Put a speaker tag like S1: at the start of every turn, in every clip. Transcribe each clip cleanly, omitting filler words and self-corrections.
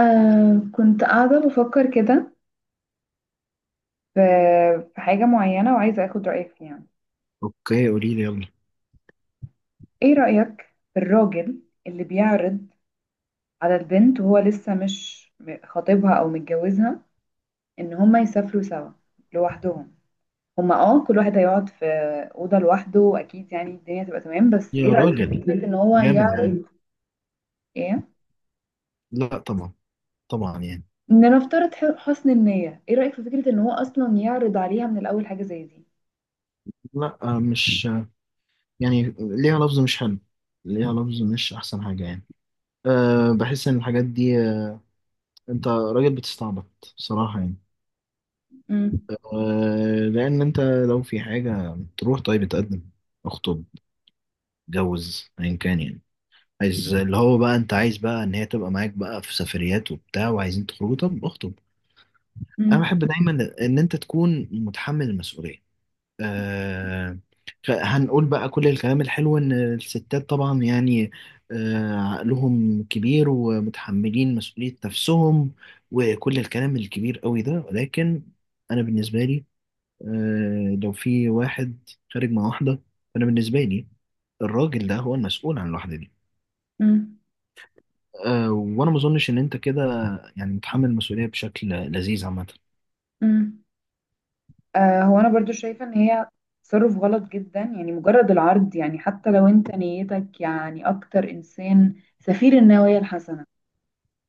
S1: كنت قاعدة بفكر كده في في حاجة معينة وعايزة أخد رأيك فيها يعني.
S2: اوكي، قولي لي يلا.
S1: إيه رأيك في الراجل اللي بيعرض على البنت وهو لسه مش خاطبها أو متجوزها إن هما يسافروا سوا لوحدهم؟ هما كل واحد هيقعد في أوضة لوحده، وأكيد يعني الدنيا تبقى تمام. بس إيه
S2: يا
S1: رأيك في
S2: راجل
S1: فكرة إن هو
S2: جامد عمو.
S1: يعرض؟ إيه؟
S2: لا طبعا. طبعا يعني.
S1: لنفترض حسن النية. إيه رأيك في فكرة إن هو أصلا يعرض عليها من الأول حاجة زي دي؟
S2: لا مش يعني ليها لفظ مش حلو. ليها لفظ مش احسن حاجه يعني. بحس ان الحاجات دي انت راجل بتستعبط صراحه يعني.
S1: مم.
S2: لان انت لو في حاجه تروح، طيب اتقدم، اخطب، اتجوز ايا كان يعني. عايز اللي هو بقى، انت عايز بقى ان هي تبقى معاك بقى في سفريات وبتاع وعايزين تخرجوا، طب اخطب. انا
S1: مم.
S2: بحب دايما ان انت تكون متحمل المسؤوليه. آه، هنقول بقى كل الكلام الحلو إن الستات طبعا يعني عقلهم كبير ومتحملين مسؤولية نفسهم وكل الكلام الكبير قوي ده، ولكن أنا بالنسبة لي، لو في واحد خارج مع واحدة، فأنا بالنسبة لي الراجل ده هو المسؤول عن الواحدة دي.
S1: مم.
S2: وأنا ما أظنش إن أنت كده يعني متحمل المسؤولية بشكل لذيذ عامة.
S1: مم. هو انا برضو شايفة ان هي تصرف غلط جدا. يعني مجرد العرض، يعني حتى لو انت نيتك يعني اكتر انسان، سفير النوايا الحسنة،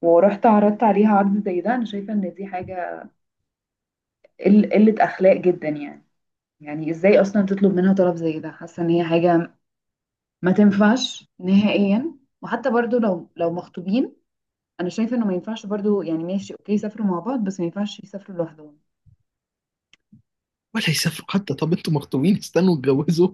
S1: ورحت عرضت عليها عرض زي ده، انا شايفة ان دي حاجة قلة اخلاق جدا يعني. يعني ازاي اصلا تطلب منها طلب زي ده؟ حاسة ان هي حاجة ما تنفعش نهائيا. وحتى برضو لو مخطوبين، انا شايفة انه ما ينفعش برضو. يعني ماشي اوكي يسافروا مع بعض، بس ما ينفعش يسافروا لوحدهم.
S2: ولا يسافروا حتى. طب انتوا مخطوبين، استنوا اتجوزوا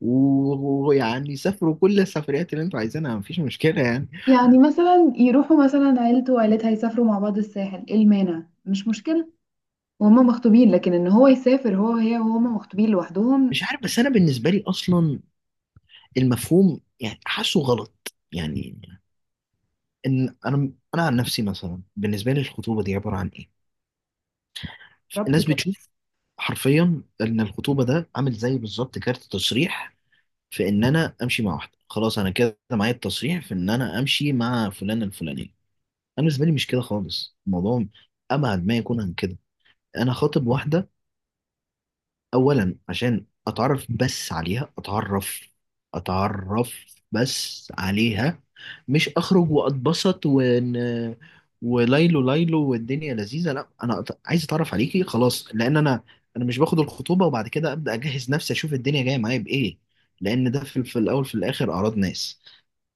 S2: ويعني سافروا كل السفريات اللي انتوا عايزينها، مفيش مشكلة يعني.
S1: يعني مثلا يروحوا مثلا عيلته وعيلتها يسافروا مع بعض الساحل، ايه المانع؟ مش مشكلة وهما مخطوبين. لكن ان هو يسافر هو وهي وهما مخطوبين لوحدهم.
S2: مش عارف، بس انا بالنسبة لي اصلا المفهوم يعني حاسه غلط يعني. ان انا عن نفسي، مثلا، بالنسبة لي الخطوبة دي عبارة عن ايه؟
S1: ربط
S2: الناس
S1: كلام.
S2: بتشوف حرفيا ان الخطوبة ده عامل زي بالظبط كارت تصريح في ان انا امشي مع واحدة. خلاص انا كده معايا التصريح في ان انا امشي مع فلان الفلانية. انا بالنسبة لي مش كده خالص الموضوع، ابعد ما يكون عن كده. انا خاطب واحده اولا عشان اتعرف بس عليها، اتعرف اتعرف بس عليها، مش اخرج واتبسط ون وليلو ليلو والدنيا لذيذه. لا، انا عايز اتعرف عليكي خلاص، لان انا انا مش باخد الخطوبه وبعد كده ابدا اجهز نفسي اشوف الدنيا جايه معايا بايه، لان ده في الاول في الاخر اعراض ناس.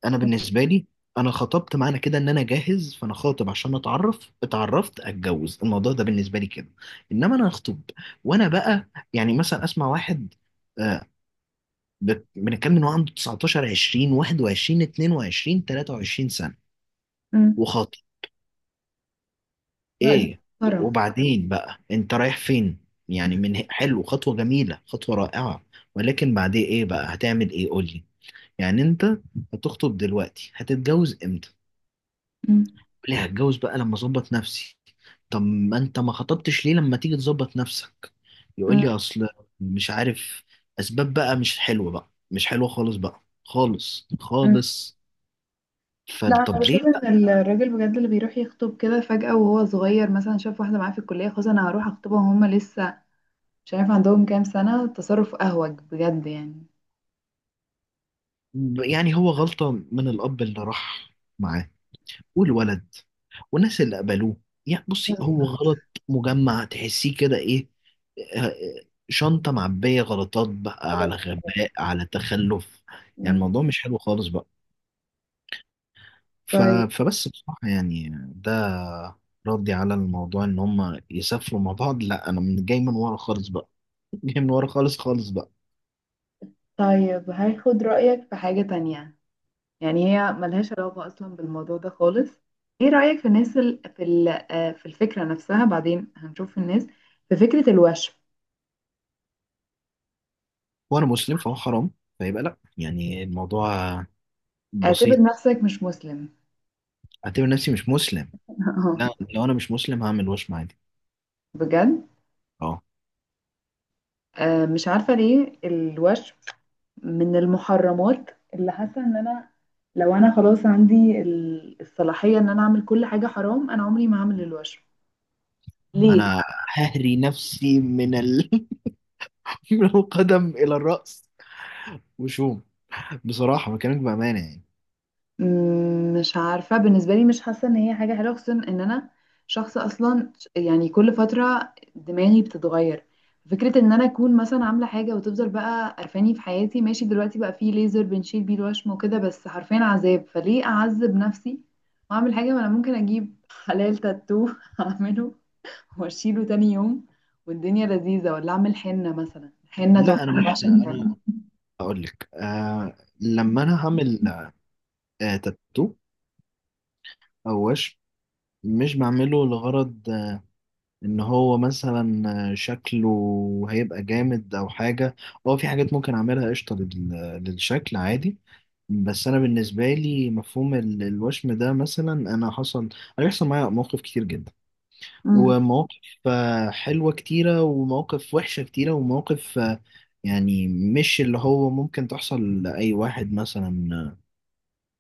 S2: انا بالنسبه لي، انا خطبت، معنى كده ان انا جاهز، فانا خاطب عشان اتعرف، اتعرفت، اتجوز. الموضوع ده بالنسبه لي كده. انما انا اخطب وانا بقى، يعني مثلا اسمع واحد آه، بنتكلم ان هو عنده 19 20 21 22 23 سنه،
S1: امم.
S2: وخاطب.
S1: لا، دي
S2: ايه
S1: مسخرة.
S2: وبعدين بقى، انت رايح فين؟ يعني، من حلو، خطوه جميله، خطوه رائعه، ولكن بعدين ايه بقى؟ هتعمل ايه؟ قول لي. يعني انت هتخطب دلوقتي، هتتجوز امتى؟
S1: امم.
S2: ليه؟ هتجوز بقى لما اظبط نفسي. طب ما انت ما خطبتش ليه لما تيجي تظبط نفسك؟ يقول
S1: امم.
S2: لي: اصل مش عارف، اسباب بقى. مش حلوه بقى، مش حلوه خالص بقى، خالص
S1: امم.
S2: خالص.
S1: لا، انا
S2: فطب ليه
S1: بشوف ان الراجل بجد اللي بيروح يخطب كده فجأة وهو صغير، مثلا شاف واحدة معاه في الكلية، خلاص انا هروح اخطبها، وهما لسه مش عارف عندهم كام سنة. تصرف اهوج بجد يعني.
S2: بقى؟ يعني هو غلطه من الاب اللي راح معاه والولد والناس اللي قبلوه. يعني بصي، هو غلط مجمع، تحسيه كده ايه، آه، شنطه معبيه غلطات بقى، على
S1: بالظبط.
S2: غباء، على تخلف. يعني
S1: أمم.
S2: الموضوع مش حلو خالص بقى. ف...
S1: طيب،
S2: فبس بصراحه يعني، ده ردي على الموضوع ان هم يسافروا مع بعض. لا انا من جاي من ورا خالص بقى. جاي من ورا خالص خالص بقى.
S1: طيب هاخد رأيك في حاجة تانية. يعني هي ملهاش علاقة أصلا بالموضوع ده خالص. إيه رأيك في الفكرة نفسها؟ بعدين هنشوف الناس. في فكرة الوشم،
S2: وانا مسلم، فهو حرام، فيبقى لا. يعني الموضوع
S1: اعتبر
S2: بسيط.
S1: نفسك مش مسلم.
S2: اعتبر نفسي مش مسلم.
S1: اه،
S2: لا، لو انا مش مسلم هعمل وشم عادي.
S1: بجد.
S2: اه.
S1: مش عارفة ليه الوشم من المحرمات. اللي حاسة إن أنا لو أنا خلاص عندي الصلاحية إن أنا أعمل كل حاجة حرام، أنا عمري ما هعمل الوشم. ليه؟
S2: انا ههري نفسي من من القدم الى الرأس وشوم. بصراحة بكلمك بأمانة يعني.
S1: مش عارفة، بالنسبة لي مش حاسة ان هي حاجة حلوة، خصوصا ان انا شخص اصلا، يعني كل فترة دماغي بتتغير. فكرة ان انا اكون مثلا عاملة حاجة وتفضل بقى قرفاني في حياتي. ماشي، دلوقتي بقى فيه ليزر بنشيل بيه الوشم وكده، بس حرفيا عذاب. فليه اعذب نفسي واعمل حاجة، ما انا ممكن اجيب حلال تاتو اعمله واشيله تاني يوم والدنيا لذيذة. ولا اعمل حنة مثلا، حنة
S2: لا
S1: تحفة،
S2: انا
S1: أنا
S2: مش،
S1: بعشق الحنة.
S2: انا اقول لك لما انا هعمل تاتو او وشم، مش بعمله لغرض ان هو مثلا شكله هيبقى جامد او حاجه. هو في حاجات ممكن اعملها قشطه للشكل عادي، بس انا بالنسبه لي مفهوم الوشم ده، مثلا انا حصل هيحصل معايا مواقف كتير جدا،
S1: مم.
S2: ومواقف حلوه كتيره، ومواقف وحشه كتيره، ومواقف يعني مش اللي هو ممكن تحصل لاي واحد مثلا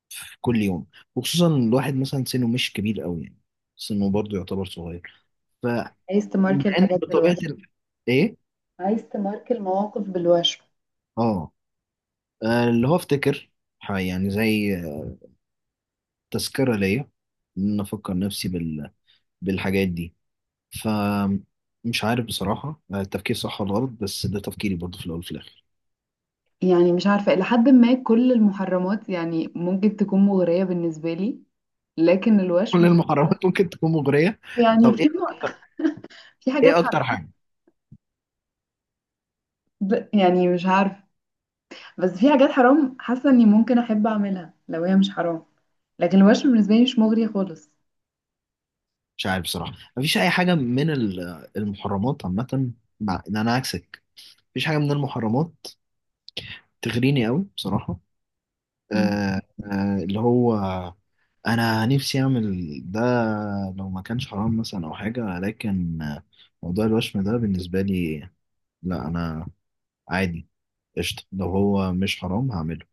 S2: في كل يوم، وخصوصا الواحد مثلا سنه مش كبير قوي يعني، سنه برضه يعتبر صغير.
S1: عايز
S2: مع
S1: تماركي
S2: انك
S1: الحاجات
S2: بطبيعه
S1: بالوشم؟
S2: ايه.
S1: عايز تماركي المواقف بالوشم؟
S2: اه، اللي هو افتكر، يعني زي تذكره ليا، ان انا افكر نفسي بالحاجات دي. ف، مش عارف بصراحه التفكير صح ولا غلط، بس ده تفكيري برضه في الاول وفي الاخر.
S1: يعني مش عارفة، إلى حد ما كل المحرمات يعني ممكن تكون مغرية بالنسبة لي، لكن
S2: كل
S1: الوشم.
S2: المحرمات ممكن تكون مغريه.
S1: يعني
S2: طب ايه اكتر؟
S1: في حاجات
S2: ايه اكتر
S1: حرام،
S2: حاجه؟
S1: يعني مش عارفة، بس في حاجات حرام حاسة إني ممكن أحب أعملها لو هي مش حرام، لكن الوشم بالنسبة لي مش مغري خالص.
S2: مش عارف بصراحه، مفيش اي حاجه من المحرمات عامه. مع ان انا عكسك، مفيش حاجه من المحرمات تغريني قوي بصراحه.
S1: مم.
S2: اللي هو انا نفسي اعمل ده لو ما كانش حرام مثلا او حاجه، لكن موضوع الوشم ده بالنسبه لي، لا انا عادي قشطه، لو هو مش حرام هعمله،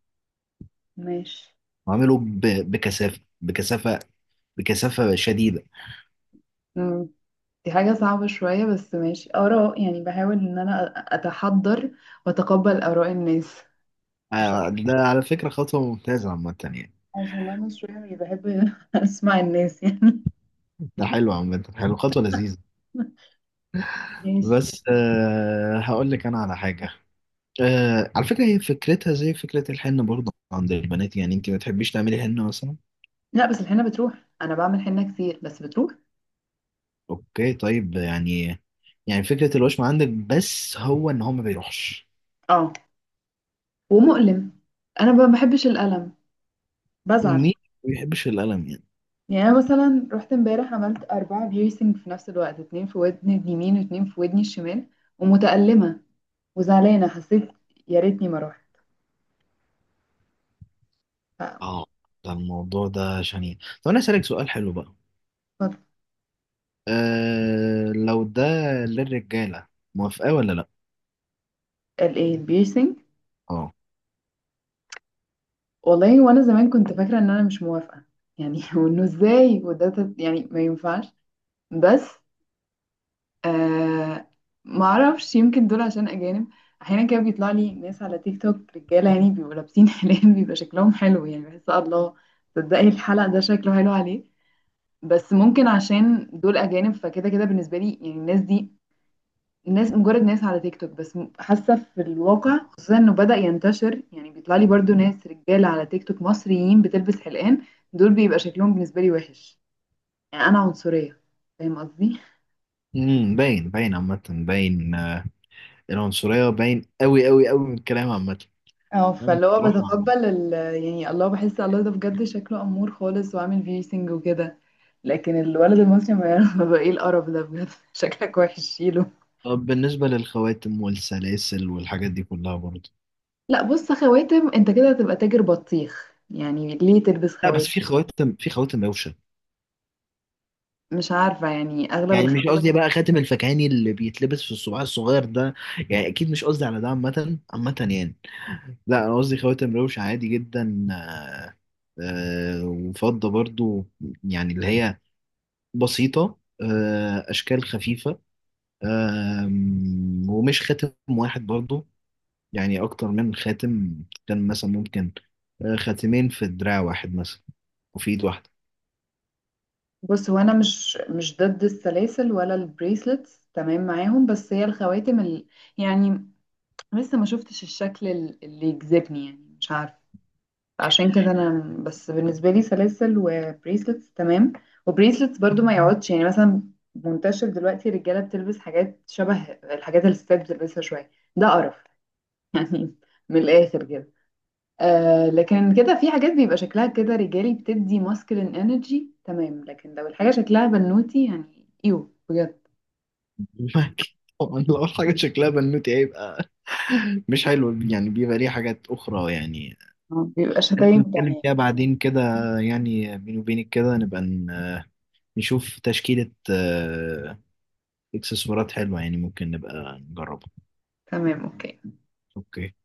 S1: ماشي.
S2: هعمله بكثافه، بكثافه، بكثافه شديده.
S1: مم. دي حاجة صعبة شوية بس ماشي، آراء يعني. بحاول إن أنا أتحضر وأتقبل آراء الناس. عشان
S2: ده على فكره خطوه ممتازه عامه يعني.
S1: عشان أنا شوية مش بحب أسمع الناس يعني.
S2: ده حلو عامه، حلو، خطوه لذيذه.
S1: ماشي.
S2: بس هقول لك انا على حاجه. على فكرة هي فكرتها زي فكرة الحنة برضه عند البنات. يعني انت ما تحبيش تعملي حنة مثلا؟
S1: لا بس الحنة بتروح، انا بعمل حنة كتير بس بتروح.
S2: اوكي طيب يعني، يعني فكرة الوشم عندك بس هو ان هو ما بيروحش.
S1: اه، ومؤلم، انا ما بحبش الألم، بزعل.
S2: مين ما بيحبش الألم يعني؟
S1: يعني انا مثلا رحت امبارح عملت أربعة بيرسينج في نفس الوقت، اتنين في ودني اليمين واتنين في ودني الشمال، ومتألمة وزعلانة، حسيت يا ريتني ما رحت. ف
S2: اه، ده الموضوع ده شنيع. طب انا اسألك سؤال حلو بقى.
S1: ف-
S2: لو ده للرجالة، موافقة ولا لا؟
S1: الايه البيرسينج؟
S2: اه.
S1: والله، وانا زمان كنت فاكرة ان انا مش موافقة يعني، وانه ازاي، وده يعني ما ينفعش. بس آه ما اعرفش، يمكن دول عشان اجانب. احيانا كده بيطلع لي ناس على تيك توك رجاله يعني بيبقوا لابسين حلال، بيبقى شكلهم حلو يعني، بحس الله تصدقي الحلق ده شكله حلو عليه. بس ممكن عشان دول اجانب، فكده كده بالنسبه لي يعني الناس دي ناس، مجرد ناس على تيك توك، بس حاسه في الواقع خصوصا انه بدأ ينتشر. يعني بيطلع لي برضو ناس رجاله على تيك توك مصريين بتلبس حلقان، دول بيبقى شكلهم بالنسبه لي وحش يعني. انا عنصريه، فاهم قصدي؟
S2: امم، باين، باين عامة، باين العنصرية، باين قوي قوي قوي من الكلام عامة.
S1: اه، فاللي هو
S2: بصراحة.
S1: بتقبل يعني الله، بحس الله ده بجد شكله أمور خالص وعامل بيرسينج وكده. لكن الولد المصري ما يعرف بقى ايه القرف ده بجد. شكلك وحش، شيله.
S2: طب بالنسبة للخواتم والسلاسل والحاجات دي كلها برضه؟
S1: لا، بص خواتم انت كده هتبقى تاجر بطيخ يعني، ليه تلبس
S2: لا بس
S1: خواتم؟
S2: في خواتم، في خواتم روشة.
S1: مش عارفة يعني أغلب
S2: يعني مش
S1: الخواتم.
S2: قصدي بقى خاتم الفكهاني اللي بيتلبس في الصباع الصغير ده، يعني أكيد مش قصدي على ده عامة عامة يعني. لا أنا قصدي خواتم روشة عادي جدا، وفضة برضه، يعني اللي هي بسيطة، أشكال خفيفة. ومش خاتم واحد برضه، يعني أكتر من خاتم. كان مثلا ممكن، خاتمين في دراع واحد مثلا، وفي إيد واحدة.
S1: بص هو أنا مش ضد السلاسل ولا البريسلتس، تمام معاهم. بس هي الخواتم يعني لسه ما شفتش الشكل اللي يجذبني، يعني مش عارفة. عشان كده انا، بس بالنسبه لي سلاسل وبريسلتس تمام. وبريسلتس برضو ما يقعدش يعني، مثلا منتشر دلوقتي الرجاله بتلبس حاجات شبه الحاجات اللي الستات بتلبسها شويه، ده قرف يعني، من الاخر كده. لكن كده في حاجات بيبقى شكلها كده رجالي بتدي ماسكلين انرجي تمام. لكن لو الحاجه شكلها بنوتي، يعني ايوه بجد.
S2: أكيد، طبعا. لو حاجة شكلها بنوتي هيبقى مش حلو، يعني بيبقى ليه حاجات أخرى يعني،
S1: بيبقى
S2: هنبقى
S1: شتايم
S2: نتكلم
S1: تمام.
S2: فيها بعدين كده. يعني بيني وبينك كده، نبقى نشوف تشكيلة إكسسوارات حلوة، يعني ممكن نبقى نجربها.
S1: تمام اوكي.
S2: أوكي.